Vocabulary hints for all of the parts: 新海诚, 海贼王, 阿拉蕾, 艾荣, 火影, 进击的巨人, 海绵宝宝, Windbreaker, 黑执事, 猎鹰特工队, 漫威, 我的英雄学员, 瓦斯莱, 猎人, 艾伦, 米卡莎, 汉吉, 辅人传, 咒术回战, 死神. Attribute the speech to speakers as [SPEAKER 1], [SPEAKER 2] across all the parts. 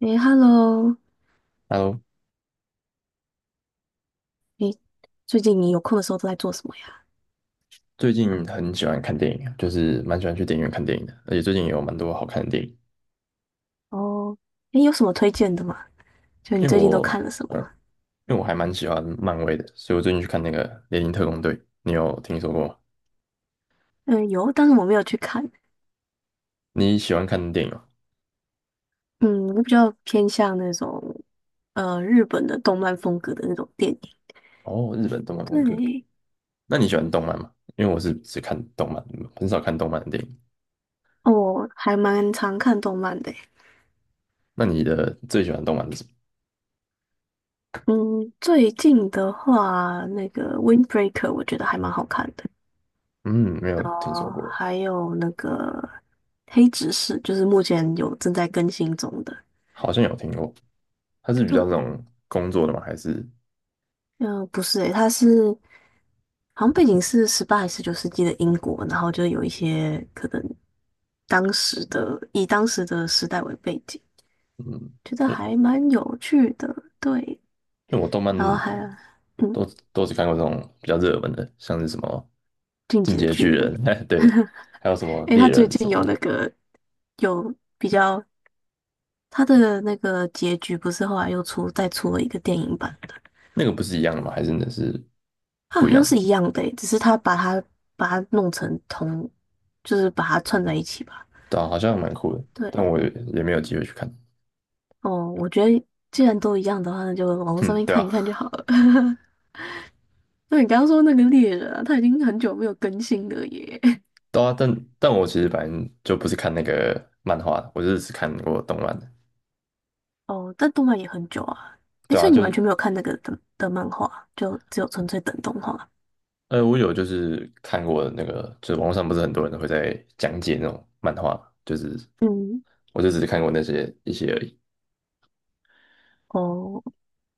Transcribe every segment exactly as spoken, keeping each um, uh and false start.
[SPEAKER 1] 诶 h e l l o
[SPEAKER 2] Hello，
[SPEAKER 1] 诶，最近你有空的时候都在做什么呀？
[SPEAKER 2] 最近很喜欢看电影啊就是蛮喜欢去电影院看电影的，而且最近也有蛮多好看的电影。
[SPEAKER 1] 哦，诶，有什么推荐的吗？就你
[SPEAKER 2] 因为
[SPEAKER 1] 最近都看
[SPEAKER 2] 我，
[SPEAKER 1] 了什么？
[SPEAKER 2] 呃，因为我还蛮喜欢漫威的，所以我最近去看那个《猎鹰特工队》，你有听说过吗？
[SPEAKER 1] 嗯，有，但是我没有去看。
[SPEAKER 2] 你喜欢看电影吗？
[SPEAKER 1] 嗯，我比较偏向那种呃日本的动漫风格的那种电影。
[SPEAKER 2] 哦，日本动漫风格。
[SPEAKER 1] 对，
[SPEAKER 2] 那你喜欢动漫吗？因为我是只看动漫，很少看动漫的电影。
[SPEAKER 1] 哦我还蛮常看动漫的诶。
[SPEAKER 2] 那你的最喜欢动漫是什么？
[SPEAKER 1] 嗯，最近的话，那个《Windbreaker》我觉得还蛮好看的。
[SPEAKER 2] 嗯，没有听说
[SPEAKER 1] 哦，
[SPEAKER 2] 过。
[SPEAKER 1] 还有那个《黑执事》，就是目前有正在更新中的。
[SPEAKER 2] 好像有听过。它是比较
[SPEAKER 1] 对，
[SPEAKER 2] 这种工作的吗？还是
[SPEAKER 1] 嗯、不是诶，它是好像背景是十八还是十九世纪的英国，然后就有一些可能当时的以当时的时代为背景，
[SPEAKER 2] 嗯？
[SPEAKER 1] 觉得
[SPEAKER 2] 因
[SPEAKER 1] 还蛮有趣的。对，
[SPEAKER 2] 因为我动漫
[SPEAKER 1] 然后还嗯，
[SPEAKER 2] 都都只看过这种比较热门的，像是什么
[SPEAKER 1] 《进
[SPEAKER 2] 《进
[SPEAKER 1] 击
[SPEAKER 2] 击
[SPEAKER 1] 的
[SPEAKER 2] 的
[SPEAKER 1] 巨
[SPEAKER 2] 巨
[SPEAKER 1] 人》，
[SPEAKER 2] 人》。对，还有什么
[SPEAKER 1] 诶，
[SPEAKER 2] 猎
[SPEAKER 1] 他最
[SPEAKER 2] 人什
[SPEAKER 1] 近
[SPEAKER 2] 么
[SPEAKER 1] 有那
[SPEAKER 2] 的。
[SPEAKER 1] 个有比较他的那个结局，不是后来又出再出了一个电影版的，
[SPEAKER 2] 那个不是一样的吗？还是的是
[SPEAKER 1] 他好
[SPEAKER 2] 不一
[SPEAKER 1] 像
[SPEAKER 2] 样
[SPEAKER 1] 是
[SPEAKER 2] 的？
[SPEAKER 1] 一样的诶，只是他把它把它弄成同，就是把它串在一起吧。
[SPEAKER 2] 对啊，好像蛮酷的，但
[SPEAKER 1] 对，
[SPEAKER 2] 我也也没有机会去看。
[SPEAKER 1] 哦，我觉得既然都一样的话，那就网络上
[SPEAKER 2] 哼，
[SPEAKER 1] 面
[SPEAKER 2] 对
[SPEAKER 1] 看一
[SPEAKER 2] 啊。
[SPEAKER 1] 看就好了。那你刚刚说那个猎人啊，他已经很久没有更新了耶。
[SPEAKER 2] 对啊，但但我其实反正就不是看那个漫画的，我就是只看过动漫的。
[SPEAKER 1] 哦，但动漫也很久啊。诶，
[SPEAKER 2] 对
[SPEAKER 1] 所
[SPEAKER 2] 啊，
[SPEAKER 1] 以你
[SPEAKER 2] 就
[SPEAKER 1] 完
[SPEAKER 2] 是
[SPEAKER 1] 全没有看那个的的漫画，就只有纯粹等动画。
[SPEAKER 2] 呃，我有就是看过那个，就是网络上不是很多人会在讲解那种漫画，就是
[SPEAKER 1] 嗯，
[SPEAKER 2] 我就只是看过那些一些而已。
[SPEAKER 1] 哦，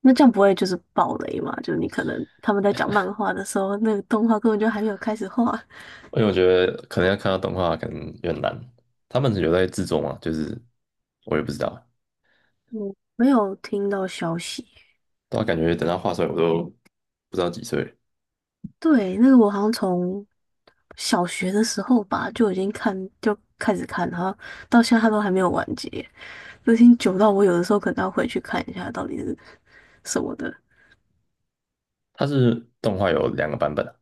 [SPEAKER 1] 那这样不会就是暴雷嘛？就是你可能他们在讲漫画的时候，那个动画根本就还没有开始画。
[SPEAKER 2] 因为我觉得可能要看到动画，可能有点难。他们有在制作嘛？就是我也不知道。
[SPEAKER 1] 嗯，没有听到消息。
[SPEAKER 2] 但我感觉等他画出来，我都不知道几岁了。
[SPEAKER 1] 对，那个我好像从小学的时候吧就已经看，就开始看，然后到现在它都还没有完结，就已经久到我有的时候可能要回去看一下到底是什么的。
[SPEAKER 2] 它是动画有两个版本啊，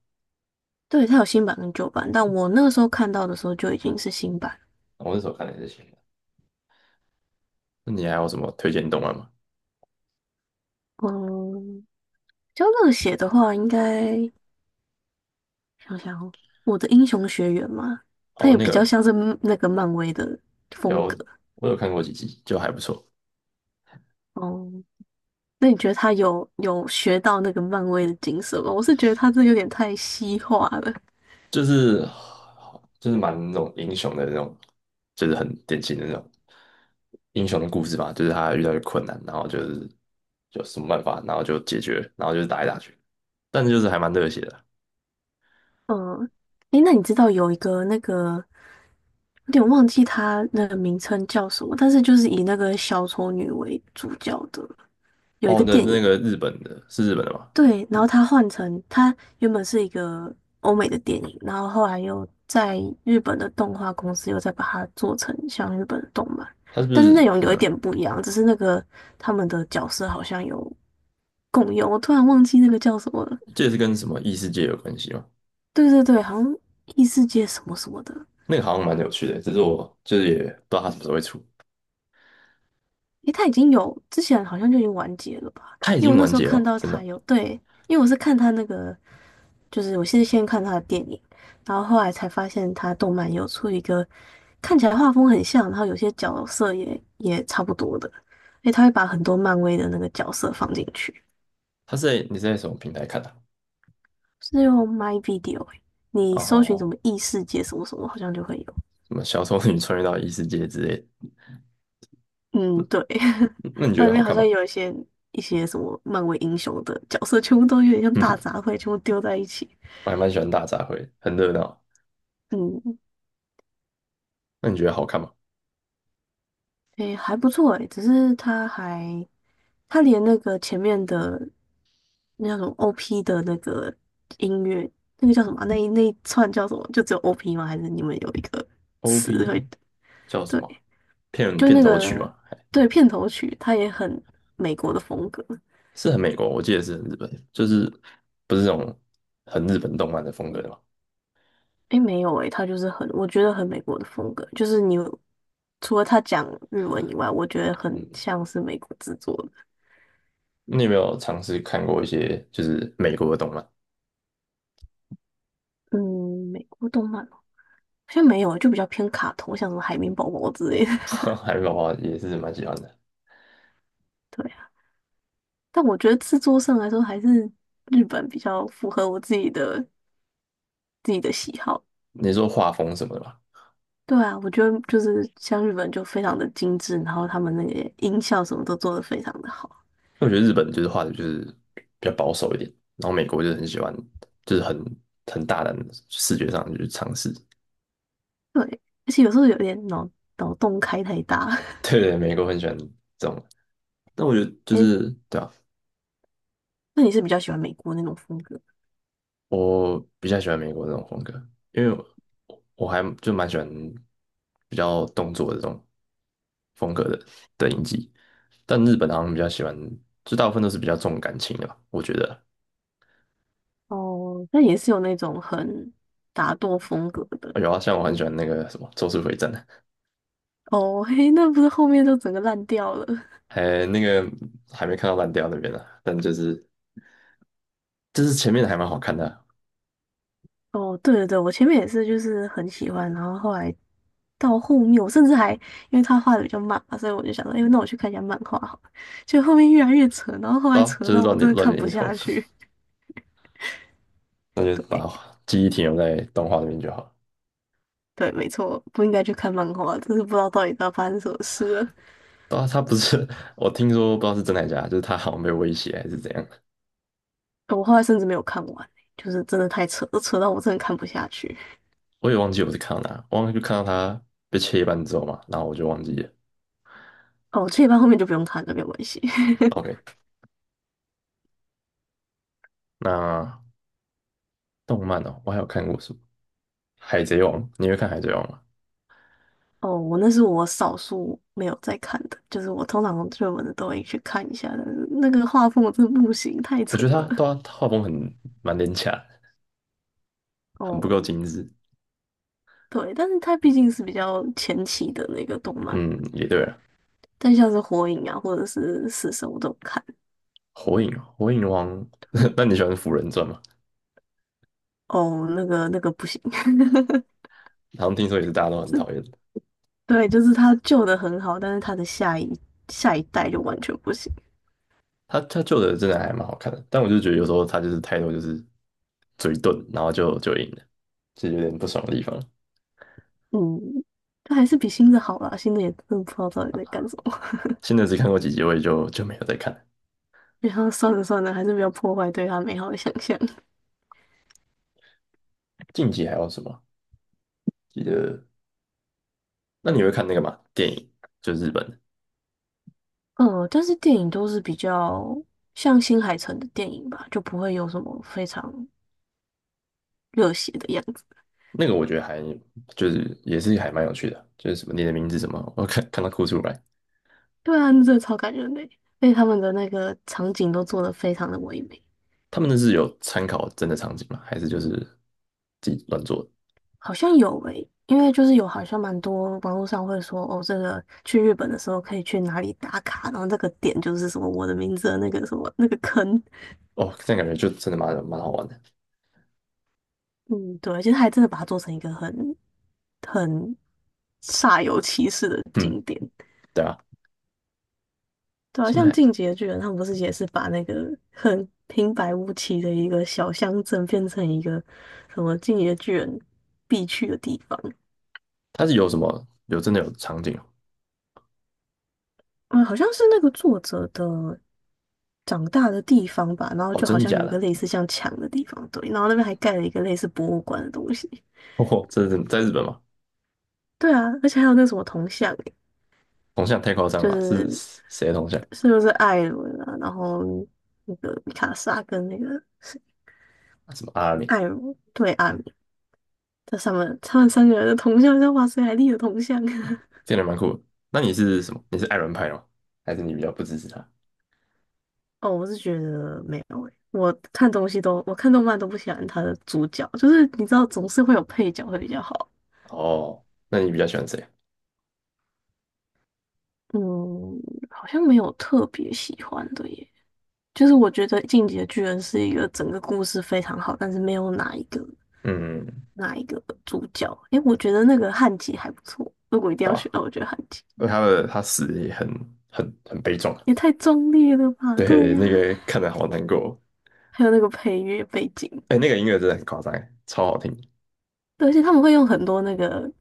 [SPEAKER 1] 对，它有新版跟旧版，但我那个时候看到的时候就已经是新版。
[SPEAKER 2] 我那时候看的也是新的。那你还有什么推荐动漫吗？
[SPEAKER 1] 嗯，比较热血的话，应该想想哦我的英雄学员嘛，它
[SPEAKER 2] 哦，
[SPEAKER 1] 也
[SPEAKER 2] 那
[SPEAKER 1] 比较
[SPEAKER 2] 个
[SPEAKER 1] 像是那个漫威的风
[SPEAKER 2] 有，
[SPEAKER 1] 格。
[SPEAKER 2] 我有看过几集，就还不错，
[SPEAKER 1] 哦、那你觉得他有有学到那个漫威的精神吗？我是觉得他这有点太西化了。
[SPEAKER 2] 就是就是蛮那种英雄的那种，就是很典型的那种英雄的故事吧，就是他遇到一个困难，然后就是有什么办法，然后就解决，然后就是打来打去。但是就是还蛮热血的。
[SPEAKER 1] 嗯，诶，那你知道有一个那个，有点忘记他那个名称叫什么，但是就是以那个小丑女为主角的，有一
[SPEAKER 2] 哦，
[SPEAKER 1] 个
[SPEAKER 2] 那
[SPEAKER 1] 电
[SPEAKER 2] 那
[SPEAKER 1] 影，
[SPEAKER 2] 个日本的是日本的吗？
[SPEAKER 1] 对，然后他换成他原本是一个欧美的电影，然后后来又在日本的动画公司又再把它做成像日本的动漫，
[SPEAKER 2] 他是不
[SPEAKER 1] 但是内
[SPEAKER 2] 是
[SPEAKER 1] 容有一点
[SPEAKER 2] 嗯，
[SPEAKER 1] 不一样，只是那个他们的角色好像有共油，我突然忘记那个叫什么了。
[SPEAKER 2] 这也是跟什么异世界有关系吗？
[SPEAKER 1] 对对对，好像异世界什么什么的。
[SPEAKER 2] 那个好像蛮有趣的，只是我就是也不知道它什么时候会出。
[SPEAKER 1] 诶，它已经有，之前好像就已经完结了吧？
[SPEAKER 2] 它已
[SPEAKER 1] 因为
[SPEAKER 2] 经
[SPEAKER 1] 我那
[SPEAKER 2] 完
[SPEAKER 1] 时候
[SPEAKER 2] 结
[SPEAKER 1] 看
[SPEAKER 2] 了，
[SPEAKER 1] 到
[SPEAKER 2] 真的
[SPEAKER 1] 它
[SPEAKER 2] 哦。
[SPEAKER 1] 有，对，因为我是看它那个，就是我是先看它的电影，然后后来才发现它动漫有出一个看起来画风很像，然后有些角色也也差不多的。诶，它会把很多漫威的那个角色放进去，
[SPEAKER 2] 它是在你是在什么平台看的
[SPEAKER 1] 是用 My Video，诶你
[SPEAKER 2] 啊？
[SPEAKER 1] 搜寻什
[SPEAKER 2] 哦，
[SPEAKER 1] 么异世界什么什么，好像就会有。
[SPEAKER 2] 什么小丑女穿越到异世界之类的？嗯，
[SPEAKER 1] 嗯，对，
[SPEAKER 2] 那你觉
[SPEAKER 1] 那
[SPEAKER 2] 得
[SPEAKER 1] 里
[SPEAKER 2] 好
[SPEAKER 1] 面好
[SPEAKER 2] 看
[SPEAKER 1] 像
[SPEAKER 2] 吗？
[SPEAKER 1] 有一些一些什么漫威英雄的角色，全部都有点像大杂烩，全部丢在一起。
[SPEAKER 2] 我还蛮喜欢大杂烩，很热闹。
[SPEAKER 1] 嗯，
[SPEAKER 2] 那你觉得好看吗
[SPEAKER 1] 诶，还不错诶，只是他还他连那个前面的那种 O P 的那个音乐，那个叫什么啊那一那一串叫什么？就只有 O P 吗？还是你们有一个词会？
[SPEAKER 2] ？O P 叫什么啊？
[SPEAKER 1] 对，
[SPEAKER 2] 片
[SPEAKER 1] 就
[SPEAKER 2] 片
[SPEAKER 1] 那
[SPEAKER 2] 头曲
[SPEAKER 1] 个
[SPEAKER 2] 吗？还
[SPEAKER 1] 对片头曲，它也很美国的风格。
[SPEAKER 2] 是很美国，我记得是很日本，就是不是这种很日本动漫的风格的嘛。
[SPEAKER 1] 诶，没有诶，他就是很，我觉得很美国的风格，就是你除了他讲日文以外，我觉得很
[SPEAKER 2] 嗯，
[SPEAKER 1] 像是美国制作的。
[SPEAKER 2] 你有没有尝试看过一些就是美国的动漫？
[SPEAKER 1] 嗯，美国动漫哦，好像没有，就比较偏卡通，像什么海绵宝宝之类的。
[SPEAKER 2] 海绵宝宝也是蛮喜欢的。
[SPEAKER 1] 对啊，但我觉得制作上来说，还是日本比较符合我自己的自己的喜好。
[SPEAKER 2] 你说画风什么的吧？
[SPEAKER 1] 对啊，我觉得就是像日本就非常的精致，然后他们那个音效什么都做得非常的好。
[SPEAKER 2] 因为我觉得日本就是画的就是比较保守一点，然后美国就是很喜欢，就是很很大胆的视觉上去尝试。
[SPEAKER 1] 对，而且有时候有点脑脑洞开太大。
[SPEAKER 2] 对对，美国很喜欢这种。但我觉得就
[SPEAKER 1] 诶
[SPEAKER 2] 是对啊，
[SPEAKER 1] 那你是比较喜欢美国那种风格
[SPEAKER 2] 我比较喜欢美国这种风格，因为我我还就蛮喜欢比较动作的这种风格的的影集，但日本好像比较喜欢，就大部分都是比较重感情的吧，我觉得
[SPEAKER 1] 哦？那也是有那种很打斗风格的
[SPEAKER 2] 有啊，像我很喜欢那个什么《咒术回战》。
[SPEAKER 1] 哦。嘿，那不是后面就整个烂掉了？
[SPEAKER 2] 还那个还没看到烂掉那边呢、啊但就是就是前面的还蛮好看的啊。
[SPEAKER 1] 哦，对对对，我前面也是，就是很喜欢，然后后来到后面，我甚至还因为他画的比较慢嘛，所以我就想说，哎，那我去看一下漫画好了。就后面越来越扯，然后后
[SPEAKER 2] 对
[SPEAKER 1] 来
[SPEAKER 2] 啊
[SPEAKER 1] 扯
[SPEAKER 2] 就是
[SPEAKER 1] 到我
[SPEAKER 2] 乱
[SPEAKER 1] 真
[SPEAKER 2] 点
[SPEAKER 1] 的
[SPEAKER 2] 乱
[SPEAKER 1] 看
[SPEAKER 2] 点
[SPEAKER 1] 不
[SPEAKER 2] 一通，
[SPEAKER 1] 下去。
[SPEAKER 2] 那 就
[SPEAKER 1] 对
[SPEAKER 2] 把记忆停留在动画那边就好。
[SPEAKER 1] 对，没错，不应该去看漫画，真是不知道到底在发生什么事了。
[SPEAKER 2] 对啊，他不是 我听说不知道是真还假，就是他好像被威胁还是怎样。
[SPEAKER 1] 我后来甚至没有看完欸，就是真的太扯了，扯到我真的看不下去。
[SPEAKER 2] 我也忘记我是看到哪，我忘就看到他被切一半之后嘛，然后我就忘记了。
[SPEAKER 1] 哦，这一半后面就不用看了，没有关系。
[SPEAKER 2] OK，那动漫哦，我还有看过什么？海贼王，你会看海贼王吗？
[SPEAKER 1] 哦，我那是我少数没有在看的，就是我通常追文的都会去看一下的，那个画风我真的不行，太
[SPEAKER 2] 我
[SPEAKER 1] 扯
[SPEAKER 2] 觉得他对
[SPEAKER 1] 了。
[SPEAKER 2] 啊他画风很蛮廉价的，很不
[SPEAKER 1] 哦，
[SPEAKER 2] 够精致。
[SPEAKER 1] 对，但是它毕竟是比较前期的那个动漫，
[SPEAKER 2] 嗯，也对了。
[SPEAKER 1] 但像是火影啊或者是死神我都有看。
[SPEAKER 2] 火影，火影王。
[SPEAKER 1] 对，
[SPEAKER 2] 那你喜欢《辅人传》吗？
[SPEAKER 1] 哦，那个那个不行，
[SPEAKER 2] 好像听说也是大家都很
[SPEAKER 1] 是，
[SPEAKER 2] 讨厌的。
[SPEAKER 1] 对，就是它旧的很好，但是它的下一下一代就完全不行。
[SPEAKER 2] 他他旧的真的还蛮好看的，但我就觉得有时候他就是态度就是嘴遁，然后就就赢了，是有点不爽的地方。
[SPEAKER 1] 嗯，它还是比新的好啦，新的也真的不知道到底在干什么。
[SPEAKER 2] 现在只看过几集，我也就就没有再看了。
[SPEAKER 1] 然后算了算了，还是不要破坏对他美好的想象。
[SPEAKER 2] 近期还有什么？记得，那你会看那个吗？电影就是日本的
[SPEAKER 1] 嗯，但是电影都是比较像新海诚的电影吧，就不会有什么非常热血的样子。
[SPEAKER 2] 那个，我觉得还就是也是还蛮有趣的，就是什么你的名字什么，我看看到哭出来。
[SPEAKER 1] 对啊，那真的超感人的欸，而且他们的那个场景都做得非常的唯美。
[SPEAKER 2] 他们那是有参考真的场景吗？还是就是自己乱做的？
[SPEAKER 1] 好像有诶，因为就是有好像蛮多网络上会说哦，这个去日本的时候可以去哪里打卡，然后这个点就是什么我的名字的那个什么那个坑。
[SPEAKER 2] 哦，这样感觉就真的蛮蛮好玩的。
[SPEAKER 1] 嗯，对，其实还真的把它做成一个很很煞有其事的
[SPEAKER 2] 嗯，
[SPEAKER 1] 景点。
[SPEAKER 2] 对啊。
[SPEAKER 1] 对啊，
[SPEAKER 2] 新
[SPEAKER 1] 像
[SPEAKER 2] 海诚
[SPEAKER 1] 《进击的巨人》，他们不是也是把那个很平白无奇的一个小乡镇变成一个什么《进击的巨人》必去的地方？
[SPEAKER 2] 他是有什么有真的有场景哦？
[SPEAKER 1] 嗯，好像是那个作者的长大的地方吧，然后
[SPEAKER 2] 哦，
[SPEAKER 1] 就好
[SPEAKER 2] 真的
[SPEAKER 1] 像
[SPEAKER 2] 假
[SPEAKER 1] 有一个
[SPEAKER 2] 的？
[SPEAKER 1] 类似像墙的地方，对，然后那边还盖了一个类似博物馆的东西。
[SPEAKER 2] 哦，这是在日本吗？
[SPEAKER 1] 对啊，而且还有那什么铜像欸，
[SPEAKER 2] 铜像太夸张了
[SPEAKER 1] 就
[SPEAKER 2] 吧，是
[SPEAKER 1] 是
[SPEAKER 2] 谁的铜像？
[SPEAKER 1] 是不是艾伦啊？然后那个米卡莎跟那个谁
[SPEAKER 2] 啊什么阿拉蕾，
[SPEAKER 1] 艾荣对艾这他们他们三个人的铜像像瓦斯莱立的铜像。
[SPEAKER 2] 这个人蛮酷的。那你是什么？你是爱伦派的吗？还是你比较不支持他？
[SPEAKER 1] 哦，我是觉得没有诶、我看东西都我看动漫都不喜欢他的主角，就是你知道总是会有配角会比较好。
[SPEAKER 2] 哦，那你比较喜欢谁？
[SPEAKER 1] 嗯，好像没有特别喜欢的耶。就是我觉得《进击的巨人》是一个整个故事非常好，但是没有哪一个
[SPEAKER 2] 嗯，
[SPEAKER 1] 哪一个主角。诶，我觉得那个汉吉还不错。如果一定
[SPEAKER 2] 对
[SPEAKER 1] 要选
[SPEAKER 2] 吧？
[SPEAKER 1] 的话，那我觉得汉吉。
[SPEAKER 2] 因为他的他死得也很很很悲壮，
[SPEAKER 1] 也太壮烈了吧？对
[SPEAKER 2] 对，那
[SPEAKER 1] 呀、
[SPEAKER 2] 个看得好难过。
[SPEAKER 1] 还有那个配乐背景，
[SPEAKER 2] 哎，那个音乐真的很夸张欸，超好听，
[SPEAKER 1] 对而且他们会用很多那个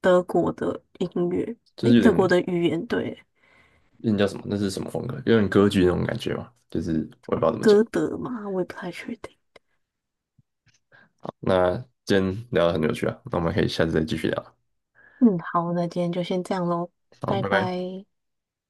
[SPEAKER 1] 德国的音乐，
[SPEAKER 2] 就
[SPEAKER 1] 诶，
[SPEAKER 2] 是有
[SPEAKER 1] 德
[SPEAKER 2] 点
[SPEAKER 1] 国的语言，对，
[SPEAKER 2] 那叫什么？那是什么风格？有点歌剧那种感觉嘛，就是我也不知道怎么讲。
[SPEAKER 1] 歌德嘛，我也不太确定。
[SPEAKER 2] 那今天聊得很有趣啊，那我们可以下次再继续聊。
[SPEAKER 1] 嗯，好，那今天就先这样喽，
[SPEAKER 2] 好，
[SPEAKER 1] 拜
[SPEAKER 2] 拜拜。
[SPEAKER 1] 拜。